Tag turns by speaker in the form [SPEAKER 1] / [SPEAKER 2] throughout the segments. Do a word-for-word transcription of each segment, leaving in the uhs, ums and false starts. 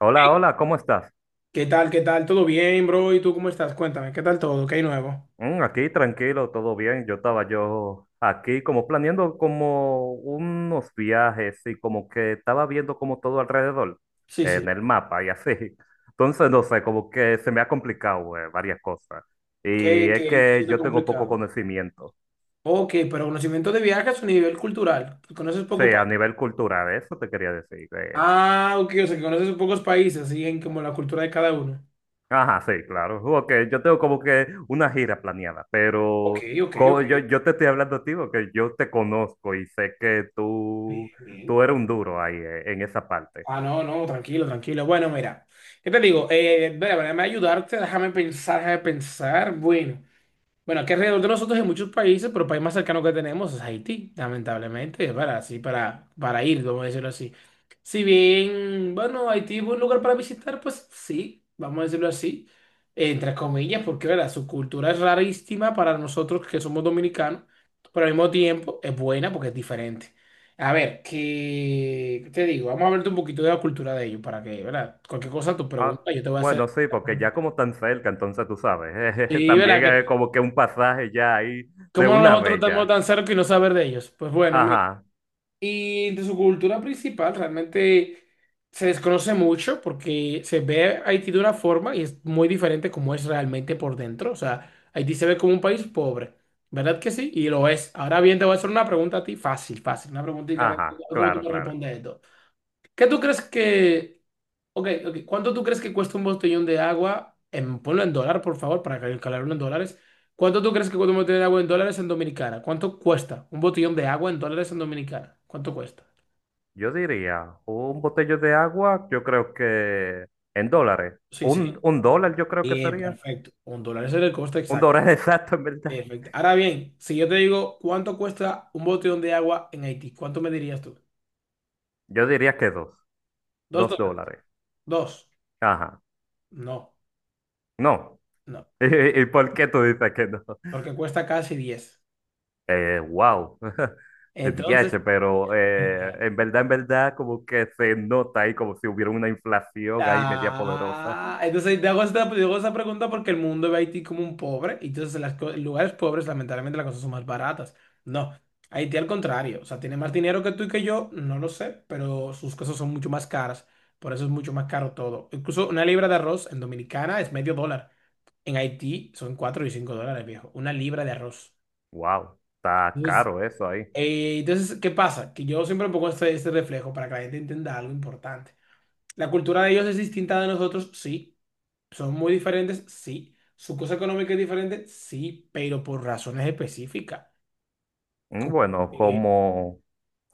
[SPEAKER 1] Hola, hola, ¿cómo estás?
[SPEAKER 2] ¿Qué tal? ¿Qué tal? ¿Todo bien, bro? ¿Y tú cómo estás? Cuéntame, ¿qué tal todo? ¿Qué hay nuevo?
[SPEAKER 1] Mm, aquí tranquilo, todo bien. Yo estaba yo aquí como planeando como unos viajes y como que estaba viendo como todo alrededor
[SPEAKER 2] Sí,
[SPEAKER 1] en
[SPEAKER 2] sí.
[SPEAKER 1] el mapa y así. Entonces, no sé, como que se me ha complicado eh, varias cosas. Y
[SPEAKER 2] ¿Qué,
[SPEAKER 1] es
[SPEAKER 2] qué, qué es
[SPEAKER 1] que
[SPEAKER 2] lo
[SPEAKER 1] yo tengo poco
[SPEAKER 2] complicado?
[SPEAKER 1] conocimiento.
[SPEAKER 2] Ok, pero conocimiento de viajes a nivel cultural. ¿Conoces pocos
[SPEAKER 1] Sí, a
[SPEAKER 2] países?
[SPEAKER 1] nivel cultural, eso te quería decir. eh,
[SPEAKER 2] Ah, ok, o sea, que conoces pocos países, y en como la cultura de cada uno.
[SPEAKER 1] Ajá, sí, claro. Porque yo tengo como que una gira planeada,
[SPEAKER 2] Ok,
[SPEAKER 1] pero
[SPEAKER 2] ok,
[SPEAKER 1] co-
[SPEAKER 2] ok.
[SPEAKER 1] yo, yo te estoy hablando a ti porque yo te conozco y sé que
[SPEAKER 2] Bien,
[SPEAKER 1] tú,
[SPEAKER 2] bien.
[SPEAKER 1] tú eres un duro ahí eh, en esa parte.
[SPEAKER 2] Ah, no, no, tranquilo, tranquilo. Bueno, mira, ¿qué te digo? Eh, mira, déjame ayudarte, déjame pensar, déjame pensar. Bueno. Bueno, aquí alrededor de nosotros hay muchos países, pero el país más cercano que tenemos es Haití, lamentablemente, es para, así, para, para ir, vamos a decirlo así. Si bien, bueno, Haití es un lugar para visitar, pues sí, vamos a decirlo así, entre comillas, porque, ¿verdad?, su cultura es rarísima para nosotros que somos dominicanos, pero al mismo tiempo es buena porque es diferente. A ver, ¿qué qué te digo? Vamos a hablarte un poquito de la cultura de ellos para que, ¿verdad? Cualquier cosa, tu
[SPEAKER 1] Ah,
[SPEAKER 2] pregunta, yo te voy a hacer.
[SPEAKER 1] bueno, sí, porque ya como tan cerca, entonces tú sabes,
[SPEAKER 2] Sí, ¿verdad?
[SPEAKER 1] también
[SPEAKER 2] Que
[SPEAKER 1] es como que un pasaje ya ahí de
[SPEAKER 2] ¿Cómo
[SPEAKER 1] una
[SPEAKER 2] nosotros
[SPEAKER 1] vez
[SPEAKER 2] estamos
[SPEAKER 1] ya.
[SPEAKER 2] tan cerca y no saber de ellos? Pues bueno, mira.
[SPEAKER 1] Ajá,
[SPEAKER 2] Y de su cultura principal realmente se desconoce mucho porque se ve a Haití de una forma y es muy diferente como es realmente por dentro. O sea, Haití se ve como un país pobre, ¿verdad que sí? Y lo es. Ahora bien, te voy a hacer una pregunta a ti, fácil, fácil, una preguntita a ver
[SPEAKER 1] ajá,
[SPEAKER 2] cómo tú
[SPEAKER 1] claro,
[SPEAKER 2] me
[SPEAKER 1] claro.
[SPEAKER 2] respondes esto. ¿Qué tú crees que Ok, ok. ¿Cuánto tú crees que cuesta un botellón de agua? En, ponlo en dólar, por favor, para calcularlo en dólares. ¿Cuánto tú crees que cuesta un botellón de agua en dólares en Dominicana? ¿Cuánto cuesta un botellón de agua en dólares en Dominicana? ¿Cuánto cuesta?
[SPEAKER 1] Yo diría, un botello de agua, yo creo que en dólares.
[SPEAKER 2] Sí,
[SPEAKER 1] Un,
[SPEAKER 2] sí.
[SPEAKER 1] un dólar yo creo que
[SPEAKER 2] Bien,
[SPEAKER 1] sería.
[SPEAKER 2] perfecto. Un dólar es el coste
[SPEAKER 1] Un
[SPEAKER 2] exacto.
[SPEAKER 1] dólar exacto, en verdad.
[SPEAKER 2] Perfecto. Ahora bien, si yo te digo cuánto cuesta un botellón de agua en Haití, ¿cuánto me dirías tú?
[SPEAKER 1] Yo diría que dos,
[SPEAKER 2] ¿Dos
[SPEAKER 1] dos
[SPEAKER 2] dólares?
[SPEAKER 1] dólares.
[SPEAKER 2] Dos.
[SPEAKER 1] Ajá.
[SPEAKER 2] No,
[SPEAKER 1] No.
[SPEAKER 2] no.
[SPEAKER 1] ¿Y por qué tú dices que no?
[SPEAKER 2] Porque cuesta casi diez.
[SPEAKER 1] Eh, wow.
[SPEAKER 2] Entonces,
[SPEAKER 1] D H, pero eh, en verdad, en verdad, como que se nota ahí como si hubiera una inflación ahí media poderosa.
[SPEAKER 2] Ah, entonces te hago esta, te hago esa pregunta porque el mundo ve a Haití como un pobre y entonces en los lugares pobres lamentablemente las cosas son más baratas. No, Haití al contrario, o sea, tiene más dinero que tú y que yo, no lo sé, pero sus cosas son mucho más caras, por eso es mucho más caro todo. Incluso una libra de arroz en Dominicana es medio dólar, en Haití son cuatro y cinco dólares, viejo, una libra de arroz.
[SPEAKER 1] Wow, está
[SPEAKER 2] Entonces,
[SPEAKER 1] caro eso ahí.
[SPEAKER 2] eh, entonces, ¿qué pasa? Que yo siempre pongo este, este reflejo para que la gente entienda algo importante. La cultura de ellos es distinta de nosotros, sí. Son muy diferentes, sí. Su cosa económica es diferente, sí, pero por razones específicas.
[SPEAKER 1] Mm,
[SPEAKER 2] Como,
[SPEAKER 1] bueno,
[SPEAKER 2] eh,
[SPEAKER 1] como,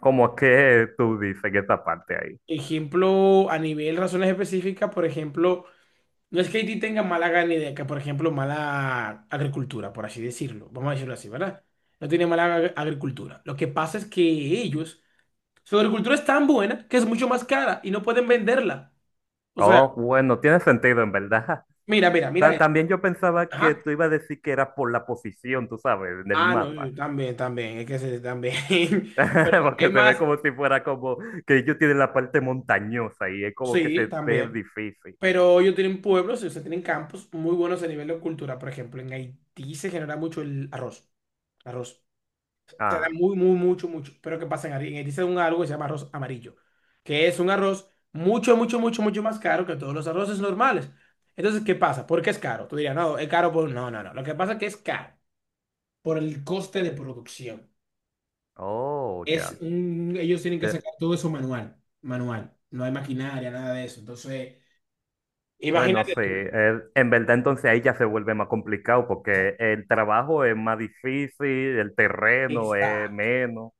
[SPEAKER 1] como que tú dices en esta parte ahí.
[SPEAKER 2] ejemplo, a nivel razones específicas, por ejemplo, no es que Haití tenga mala ganadería, por ejemplo, mala agricultura, por así decirlo. Vamos a decirlo así, ¿verdad? No tiene mala ag- agricultura. Lo que pasa es que ellos, su agricultura es tan buena que es mucho más cara y no pueden venderla. O sea,
[SPEAKER 1] Oh, bueno, tiene sentido en verdad.
[SPEAKER 2] mira, mira, mira
[SPEAKER 1] Ta-
[SPEAKER 2] esto.
[SPEAKER 1] También yo pensaba que
[SPEAKER 2] Ajá.
[SPEAKER 1] tú ibas a decir que era por la posición, tú sabes, en el
[SPEAKER 2] Ah, no,
[SPEAKER 1] mapa,
[SPEAKER 2] sí, también, también, es que sí, también. Pero es
[SPEAKER 1] porque se ve
[SPEAKER 2] más,
[SPEAKER 1] como si fuera como que ellos tienen la parte montañosa y es como que
[SPEAKER 2] sí,
[SPEAKER 1] se ve
[SPEAKER 2] también.
[SPEAKER 1] difícil.
[SPEAKER 2] Pero ellos tienen pueblos, ellos tienen campos muy buenos a nivel de cultura. Por ejemplo, en Haití se genera mucho el arroz. Arroz. Se da
[SPEAKER 1] Ah,
[SPEAKER 2] muy, muy, mucho, mucho. Pero ¿qué pasa en Haití? En Haití se da un algo que se llama arroz amarillo, que es un arroz mucho, mucho, mucho, mucho más caro que todos los arroces normales. Entonces, ¿qué pasa? ¿Por qué es caro? Tú dirías, no, es caro por... No, no, no. Lo que pasa es que es caro por el coste de producción.
[SPEAKER 1] oh,
[SPEAKER 2] Es
[SPEAKER 1] ya.
[SPEAKER 2] un- ellos tienen que
[SPEAKER 1] Te-
[SPEAKER 2] sacar todo eso manual, manual. No hay maquinaria, nada de eso. Entonces,
[SPEAKER 1] Bueno,
[SPEAKER 2] imagínate
[SPEAKER 1] sí,
[SPEAKER 2] tú.
[SPEAKER 1] eh, en verdad entonces ahí ya se vuelve más complicado porque el trabajo es más difícil, el terreno es
[SPEAKER 2] Exacto.
[SPEAKER 1] menos,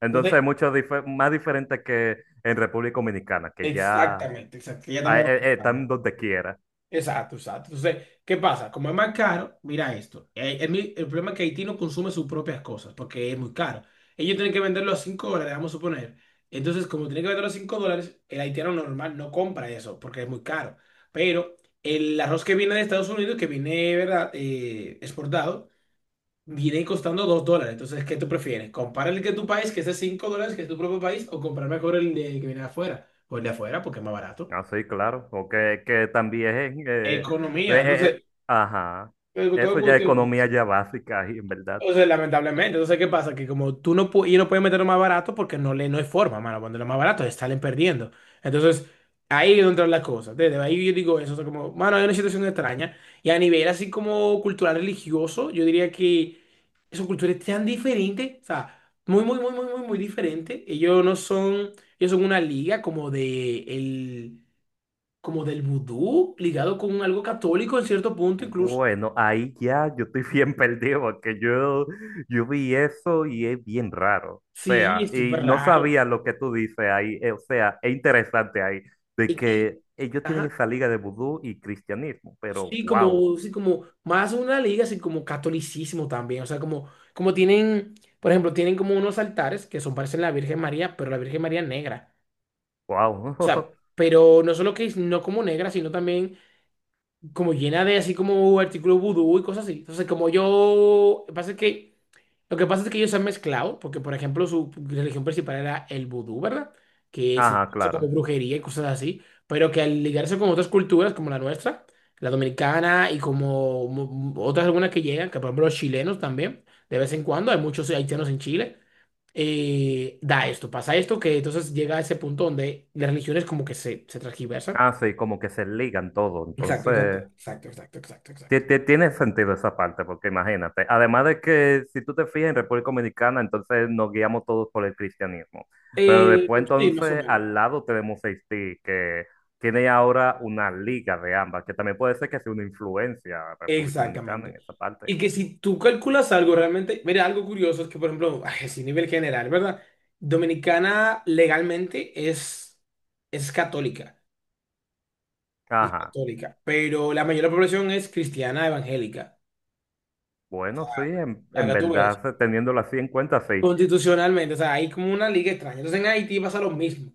[SPEAKER 1] entonces
[SPEAKER 2] Entonces,
[SPEAKER 1] es mucho dife- más diferente que en República Dominicana, que ya
[SPEAKER 2] exactamente, exacto. que Ya
[SPEAKER 1] ah,
[SPEAKER 2] estamos.
[SPEAKER 1] eh, eh, están donde quiera.
[SPEAKER 2] Exacto, exacto. Entonces, ¿qué pasa? Como es más caro, mira esto. Eh, El, mi- el problema es que Haití no consume sus propias cosas porque es muy caro. Ellos tienen que venderlo a cinco dólares, vamos a suponer. Entonces, como tienen que venderlo a cinco dólares, el haitiano normal no compra eso porque es muy caro. Pero el arroz que viene de Estados Unidos, que viene, ¿verdad?, Eh, exportado, viene costando dos dólares. Entonces, ¿qué tú prefieres? ¿Comprar el que tu país, que es de cinco dólares, que es tu propio país, o comprar mejor el de que viene de afuera? O el de afuera, porque es más barato.
[SPEAKER 1] Ah, sí, claro, porque que también, eh, eh,
[SPEAKER 2] Economía.
[SPEAKER 1] eh, eh,
[SPEAKER 2] Entonces,
[SPEAKER 1] ajá,
[SPEAKER 2] pero todo
[SPEAKER 1] eso ya es
[SPEAKER 2] cuestión.
[SPEAKER 1] economía ya básica, y en verdad.
[SPEAKER 2] Entonces lamentablemente. Entonces, ¿qué pasa? Que como tú no, pu- ellos no pueden meterlo más barato porque no, le, no hay forma, mano. Cuando lo más barato, salen perdiendo. Entonces, ahí es donde entran las cosas. Desde ahí yo digo eso. O sea, como, mano, hay una situación extraña. Y a nivel así como cultural religioso, yo diría que su cultura es tan diferente. O sea, muy, muy, muy, muy, muy, muy diferente. Ellos no son, ellos son una liga como de el, como del vudú, ligado con algo católico en cierto punto, incluso.
[SPEAKER 1] Bueno, ahí ya yo estoy bien perdido, porque yo, yo vi eso y es bien raro. O
[SPEAKER 2] Sí,
[SPEAKER 1] sea,
[SPEAKER 2] es
[SPEAKER 1] y
[SPEAKER 2] súper
[SPEAKER 1] no
[SPEAKER 2] raro.
[SPEAKER 1] sabía lo que tú dices ahí, eh, o sea, es interesante ahí, de
[SPEAKER 2] Es que,
[SPEAKER 1] que ellos tienen
[SPEAKER 2] ajá.
[SPEAKER 1] esa liga de vudú y cristianismo, pero
[SPEAKER 2] Sí,
[SPEAKER 1] wow,
[SPEAKER 2] como, sí, como más una liga, así como catolicismo también. O sea, como, como tienen, por ejemplo, tienen como unos altares que son parecen la Virgen María, pero la Virgen María negra. O sea,
[SPEAKER 1] wow.
[SPEAKER 2] pero no solo que es no como negra, sino también como llena de así como artículos vudú y cosas así. Entonces, como yo, pasa que, lo que pasa es que ellos se han mezclado, porque por ejemplo su religión principal era el vudú, ¿verdad? Que sí,
[SPEAKER 1] Ajá,
[SPEAKER 2] eso como
[SPEAKER 1] claro.
[SPEAKER 2] brujería y cosas así, pero que al ligarse con otras culturas como la nuestra, la dominicana y como mu- otras algunas que llegan, que por ejemplo los chilenos también, de vez en cuando, hay muchos haitianos en Chile, eh, da esto, pasa esto, que entonces llega a ese punto donde las religiones como que se, se transgiversan.
[SPEAKER 1] Ah, sí, como que se ligan todo,
[SPEAKER 2] Exacto, exacto,
[SPEAKER 1] entonces.
[SPEAKER 2] exacto, exacto, exacto,
[SPEAKER 1] Ti-
[SPEAKER 2] exacto.
[SPEAKER 1] ti- Tiene sentido esa parte, porque imagínate, además de que si tú te fijas en República Dominicana, entonces nos guiamos todos por el cristianismo, pero
[SPEAKER 2] Eh,
[SPEAKER 1] después
[SPEAKER 2] sí, más o
[SPEAKER 1] entonces
[SPEAKER 2] menos.
[SPEAKER 1] al lado tenemos Haití, que tiene ahora una liga de ambas, que también puede ser que sea una influencia a República Dominicana
[SPEAKER 2] Exactamente.
[SPEAKER 1] en esa parte.
[SPEAKER 2] Y que si tú calculas algo realmente, mira, algo curioso es que, por ejemplo, ay, así nivel general, ¿verdad? Dominicana legalmente es, es católica, es
[SPEAKER 1] Ajá,
[SPEAKER 2] católica, pero la mayor de la población es cristiana evangélica.
[SPEAKER 1] bueno, sí, en, en
[SPEAKER 2] Acá tú ves,
[SPEAKER 1] verdad, teniéndolo así en cuenta, sí.
[SPEAKER 2] constitucionalmente, o sea, hay como una liga extraña. Entonces en Haití pasa lo mismo.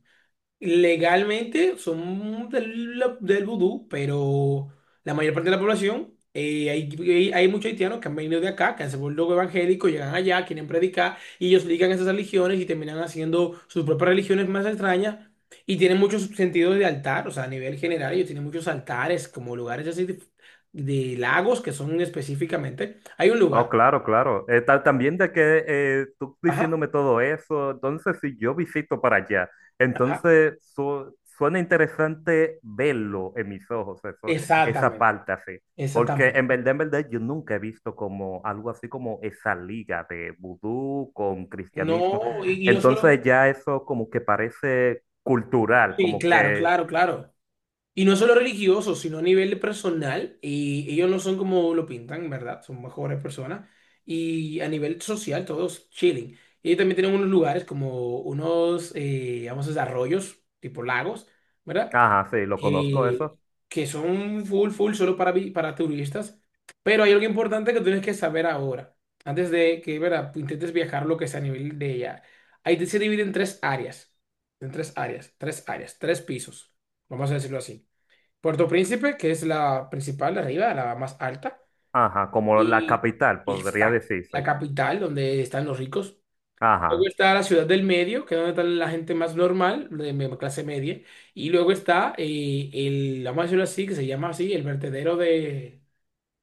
[SPEAKER 2] Legalmente son del, la- del vudú, pero la mayor parte de la población, eh, hay, hay- hay muchos haitianos que han venido de acá, que han se vuelto evangélicos, llegan allá, quieren predicar, y ellos ligan esas religiones y terminan haciendo sus propias religiones más extrañas, y tienen muchos sentidos de altar, o sea, a nivel general, ellos tienen muchos altares, como lugares así de, de lagos que son específicamente. Hay un
[SPEAKER 1] Oh,
[SPEAKER 2] lugar,
[SPEAKER 1] claro, claro. Eh, tal, también de que eh, tú
[SPEAKER 2] ajá,
[SPEAKER 1] diciéndome todo eso, entonces si yo visito para allá,
[SPEAKER 2] ajá,
[SPEAKER 1] entonces su- suena interesante verlo en mis ojos, eso, esa
[SPEAKER 2] exactamente,
[SPEAKER 1] parte así. Porque
[SPEAKER 2] exactamente.
[SPEAKER 1] en verdad, en verdad, yo nunca he visto como algo así como esa liga de vudú con cristianismo.
[SPEAKER 2] No, y, y no solo,
[SPEAKER 1] Entonces ya eso como que parece cultural,
[SPEAKER 2] sí,
[SPEAKER 1] como
[SPEAKER 2] claro,
[SPEAKER 1] que,
[SPEAKER 2] claro, claro. Y no solo religiosos sino a nivel personal. Y ellos no son como lo pintan, ¿verdad? Son mejores personas. Y a nivel social, todos chilling. Y ellos también tienen unos lugares como unos, eh, vamos a decir, arroyos, tipo lagos, ¿verdad?
[SPEAKER 1] ajá, sí, lo conozco
[SPEAKER 2] Que,
[SPEAKER 1] eso.
[SPEAKER 2] que son full, full, solo para, vi- para turistas. Pero hay algo importante que tienes que saber ahora. Antes de que, ¿verdad?, intentes viajar lo que sea a nivel de ella. Ahí se divide en tres áreas. En tres áreas, tres áreas, tres pisos. Vamos a decirlo así. Puerto Príncipe, que es la principal de arriba, la más alta,
[SPEAKER 1] Ajá, como la
[SPEAKER 2] y
[SPEAKER 1] capital, podría
[SPEAKER 2] exacto, la
[SPEAKER 1] decirse.
[SPEAKER 2] capital donde están los ricos.
[SPEAKER 1] Ajá.
[SPEAKER 2] Luego está la ciudad del medio, que es donde está la gente más normal, de me- clase media. Y luego está eh, el, vamos a decirlo así, que se llama así, el vertedero de,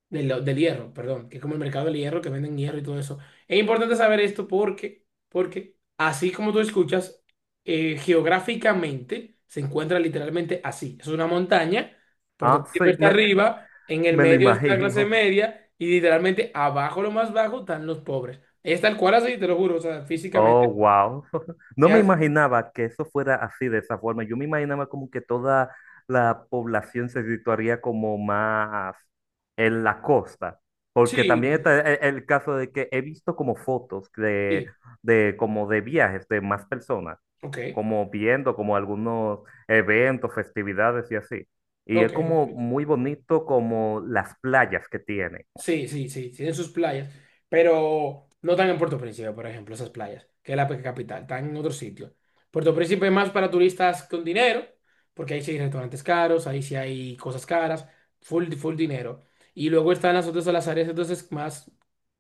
[SPEAKER 2] del, del hierro, perdón, que es como el mercado del hierro, que venden hierro y todo eso. Es importante saber esto porque, porque así como tú escuchas, eh, geográficamente se encuentra literalmente así. Es una montaña, Puerto
[SPEAKER 1] Ah, sí,
[SPEAKER 2] Príncipe está
[SPEAKER 1] me,
[SPEAKER 2] arriba, en el
[SPEAKER 1] Me lo
[SPEAKER 2] medio está la clase
[SPEAKER 1] imagino.
[SPEAKER 2] media y literalmente abajo, lo más bajo, están los pobres. Es tal cual así, te lo juro, o sea,
[SPEAKER 1] Oh,
[SPEAKER 2] físicamente
[SPEAKER 1] wow. No
[SPEAKER 2] es
[SPEAKER 1] me
[SPEAKER 2] así.
[SPEAKER 1] imaginaba que eso fuera así de esa forma. Yo me imaginaba como que toda la población se situaría como más en la costa.
[SPEAKER 2] Sí,
[SPEAKER 1] Porque también
[SPEAKER 2] sí,
[SPEAKER 1] está e- e- el, caso de que he visto como fotos de,
[SPEAKER 2] sí.
[SPEAKER 1] de como de viajes de más personas,
[SPEAKER 2] Ok,
[SPEAKER 1] como viendo como algunos eventos, festividades y así. Y es
[SPEAKER 2] ok.
[SPEAKER 1] como
[SPEAKER 2] Ok.
[SPEAKER 1] muy bonito como las playas que tiene.
[SPEAKER 2] Sí, sí, sí, tienen sus playas, pero no están en Puerto Príncipe, por ejemplo, esas playas, que es la pe- capital, están en otro sitio. Puerto Príncipe es más para turistas con dinero, porque ahí sí hay restaurantes caros, ahí sí hay cosas caras, full, full dinero. Y luego están las otras, las áreas entonces más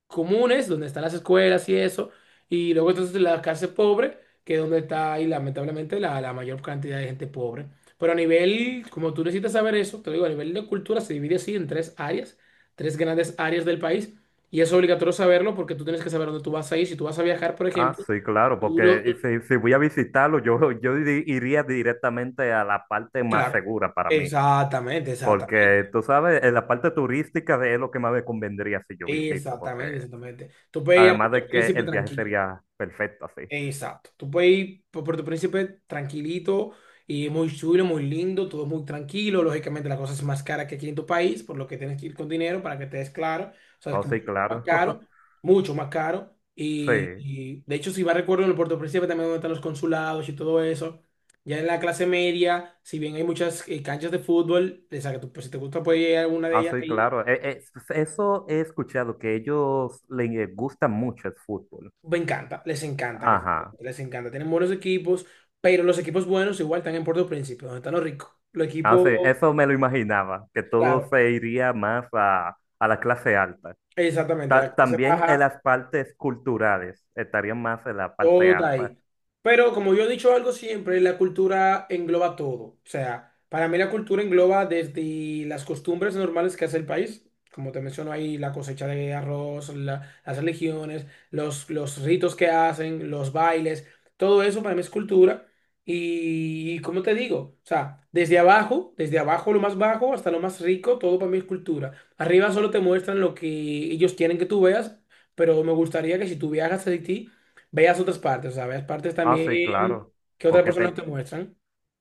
[SPEAKER 2] comunes, donde están las escuelas y eso, y luego entonces la clase pobre, que es donde está ahí lamentablemente la, la mayor cantidad de gente pobre. Pero a nivel, como tú necesitas saber eso, te digo, a nivel de cultura se divide así en tres áreas, tres grandes áreas del país, y es obligatorio saberlo porque tú tienes que saber dónde tú vas a ir. Si tú vas a viajar, por
[SPEAKER 1] Ah,
[SPEAKER 2] ejemplo,
[SPEAKER 1] sí, claro,
[SPEAKER 2] tú lo-
[SPEAKER 1] porque
[SPEAKER 2] lo-
[SPEAKER 1] si, si voy a visitarlo, yo, yo iri- iría directamente a la parte más
[SPEAKER 2] claro,
[SPEAKER 1] segura para mí,
[SPEAKER 2] exactamente, exactamente,
[SPEAKER 1] porque tú sabes, en la parte turística de- es lo que más me convendría si yo visito, porque
[SPEAKER 2] exactamente, exactamente. Tú puedes ir a
[SPEAKER 1] además
[SPEAKER 2] Puerto
[SPEAKER 1] de que
[SPEAKER 2] Príncipe
[SPEAKER 1] el viaje
[SPEAKER 2] tranquilo.
[SPEAKER 1] sería perfecto así.
[SPEAKER 2] Exacto. Tú puedes ir por Puerto Príncipe tranquilito y muy chulo, muy lindo, todo muy tranquilo. Lógicamente la cosa es más cara que aquí en tu país, por lo que tienes que ir con dinero para que te des claro. O sea, es
[SPEAKER 1] Oh,
[SPEAKER 2] como
[SPEAKER 1] sí,
[SPEAKER 2] que más
[SPEAKER 1] claro.
[SPEAKER 2] caro, mucho más caro. Y,
[SPEAKER 1] Sí,
[SPEAKER 2] y, de hecho, si vas recuerdo en el Puerto Príncipe también donde están los consulados y todo eso. Ya en la clase media, si bien hay muchas eh, canchas de fútbol, o sea, que tú, pues, si te gusta puedes ir a alguna de
[SPEAKER 1] ah,
[SPEAKER 2] ellas
[SPEAKER 1] sí,
[SPEAKER 2] ahí.
[SPEAKER 1] claro. E- e- eso he escuchado, que ellos les gusta mucho el fútbol.
[SPEAKER 2] Me encanta, les encanta, que
[SPEAKER 1] Ajá.
[SPEAKER 2] les encanta. Tienen buenos equipos, pero los equipos buenos igual están en Puerto Príncipe, donde están los ricos. Los
[SPEAKER 1] Ah,
[SPEAKER 2] equipos,
[SPEAKER 1] sí, eso me lo imaginaba, que todo
[SPEAKER 2] claro,
[SPEAKER 1] se iría más a, a la clase alta.
[SPEAKER 2] exactamente, la
[SPEAKER 1] Ta-
[SPEAKER 2] clase
[SPEAKER 1] también en
[SPEAKER 2] baja.
[SPEAKER 1] las partes culturales, estarían más en la parte
[SPEAKER 2] Todo
[SPEAKER 1] alta.
[SPEAKER 2] ahí. Pero como yo he dicho algo siempre, la cultura engloba todo. O sea, para mí la cultura engloba desde las costumbres normales que hace el país, como te menciono ahí, la cosecha de arroz, la- las religiones, los, los ritos que hacen, los bailes, todo eso para mí es cultura. Y, como te digo, o sea, desde abajo, desde abajo lo más bajo hasta lo más rico, todo para mí es cultura. Arriba solo te muestran lo que ellos quieren que tú veas, pero me gustaría que si tú viajas a Haití, veas otras partes, o sea, veas partes
[SPEAKER 1] Ah, sí,
[SPEAKER 2] también
[SPEAKER 1] claro,
[SPEAKER 2] que otras
[SPEAKER 1] porque
[SPEAKER 2] personas te
[SPEAKER 1] te-
[SPEAKER 2] muestran.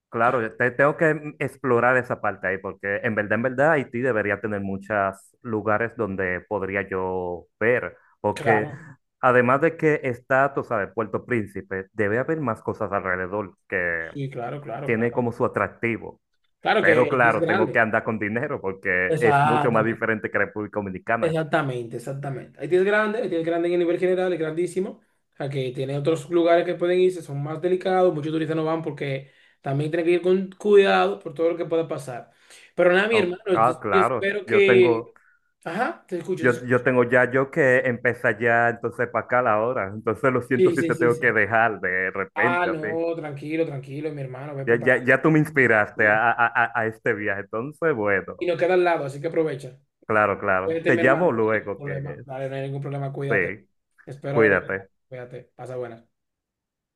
[SPEAKER 1] claro, te- tengo que mm, explorar esa parte ahí, porque en verdad, en verdad, Haití debería tener muchos lugares donde podría yo ver, porque
[SPEAKER 2] Claro,
[SPEAKER 1] además de que está, tú sabes, Puerto Príncipe, debe haber más cosas alrededor que
[SPEAKER 2] sí, claro, claro,
[SPEAKER 1] tiene
[SPEAKER 2] claro.
[SPEAKER 1] como su atractivo.
[SPEAKER 2] Claro que
[SPEAKER 1] Pero
[SPEAKER 2] Haití es
[SPEAKER 1] claro, tengo que
[SPEAKER 2] grande.
[SPEAKER 1] andar con dinero porque es mucho más
[SPEAKER 2] Exactamente,
[SPEAKER 1] diferente que República Dominicana.
[SPEAKER 2] exactamente, exactamente. Haití es grande, Haití es grande en nivel general, es grandísimo. O sea, que tiene otros lugares que pueden irse, son más delicados, muchos turistas no van porque también tienen que ir con cuidado por todo lo que pueda pasar. Pero nada, mi
[SPEAKER 1] Oh,
[SPEAKER 2] hermano,
[SPEAKER 1] ah,
[SPEAKER 2] entonces, yo
[SPEAKER 1] claro,
[SPEAKER 2] espero
[SPEAKER 1] yo
[SPEAKER 2] que...
[SPEAKER 1] tengo...
[SPEAKER 2] Ajá, te escucho, te
[SPEAKER 1] Yo, yo
[SPEAKER 2] escucho.
[SPEAKER 1] tengo ya yo que empezar ya entonces para acá la hora. Entonces lo siento
[SPEAKER 2] Sí,
[SPEAKER 1] si
[SPEAKER 2] sí,
[SPEAKER 1] te
[SPEAKER 2] sí,
[SPEAKER 1] tengo que
[SPEAKER 2] sí.
[SPEAKER 1] dejar de
[SPEAKER 2] Ah,
[SPEAKER 1] repente así.
[SPEAKER 2] no, tranquilo, tranquilo, mi hermano, ve
[SPEAKER 1] Ya, ya,
[SPEAKER 2] preparando.
[SPEAKER 1] ya tú me inspiraste a, a, a- a este viaje. Entonces,
[SPEAKER 2] Y
[SPEAKER 1] bueno,
[SPEAKER 2] nos queda al lado, así que aprovecha.
[SPEAKER 1] claro, claro.
[SPEAKER 2] Cuídate,
[SPEAKER 1] Te
[SPEAKER 2] mi
[SPEAKER 1] llamo
[SPEAKER 2] hermano. No hay ningún
[SPEAKER 1] luego que
[SPEAKER 2] problema. Dale, no hay ningún problema, cuídate.
[SPEAKER 1] sí,
[SPEAKER 2] Espero haber ayudado.
[SPEAKER 1] cuídate.
[SPEAKER 2] Cuídate. Pasa buenas.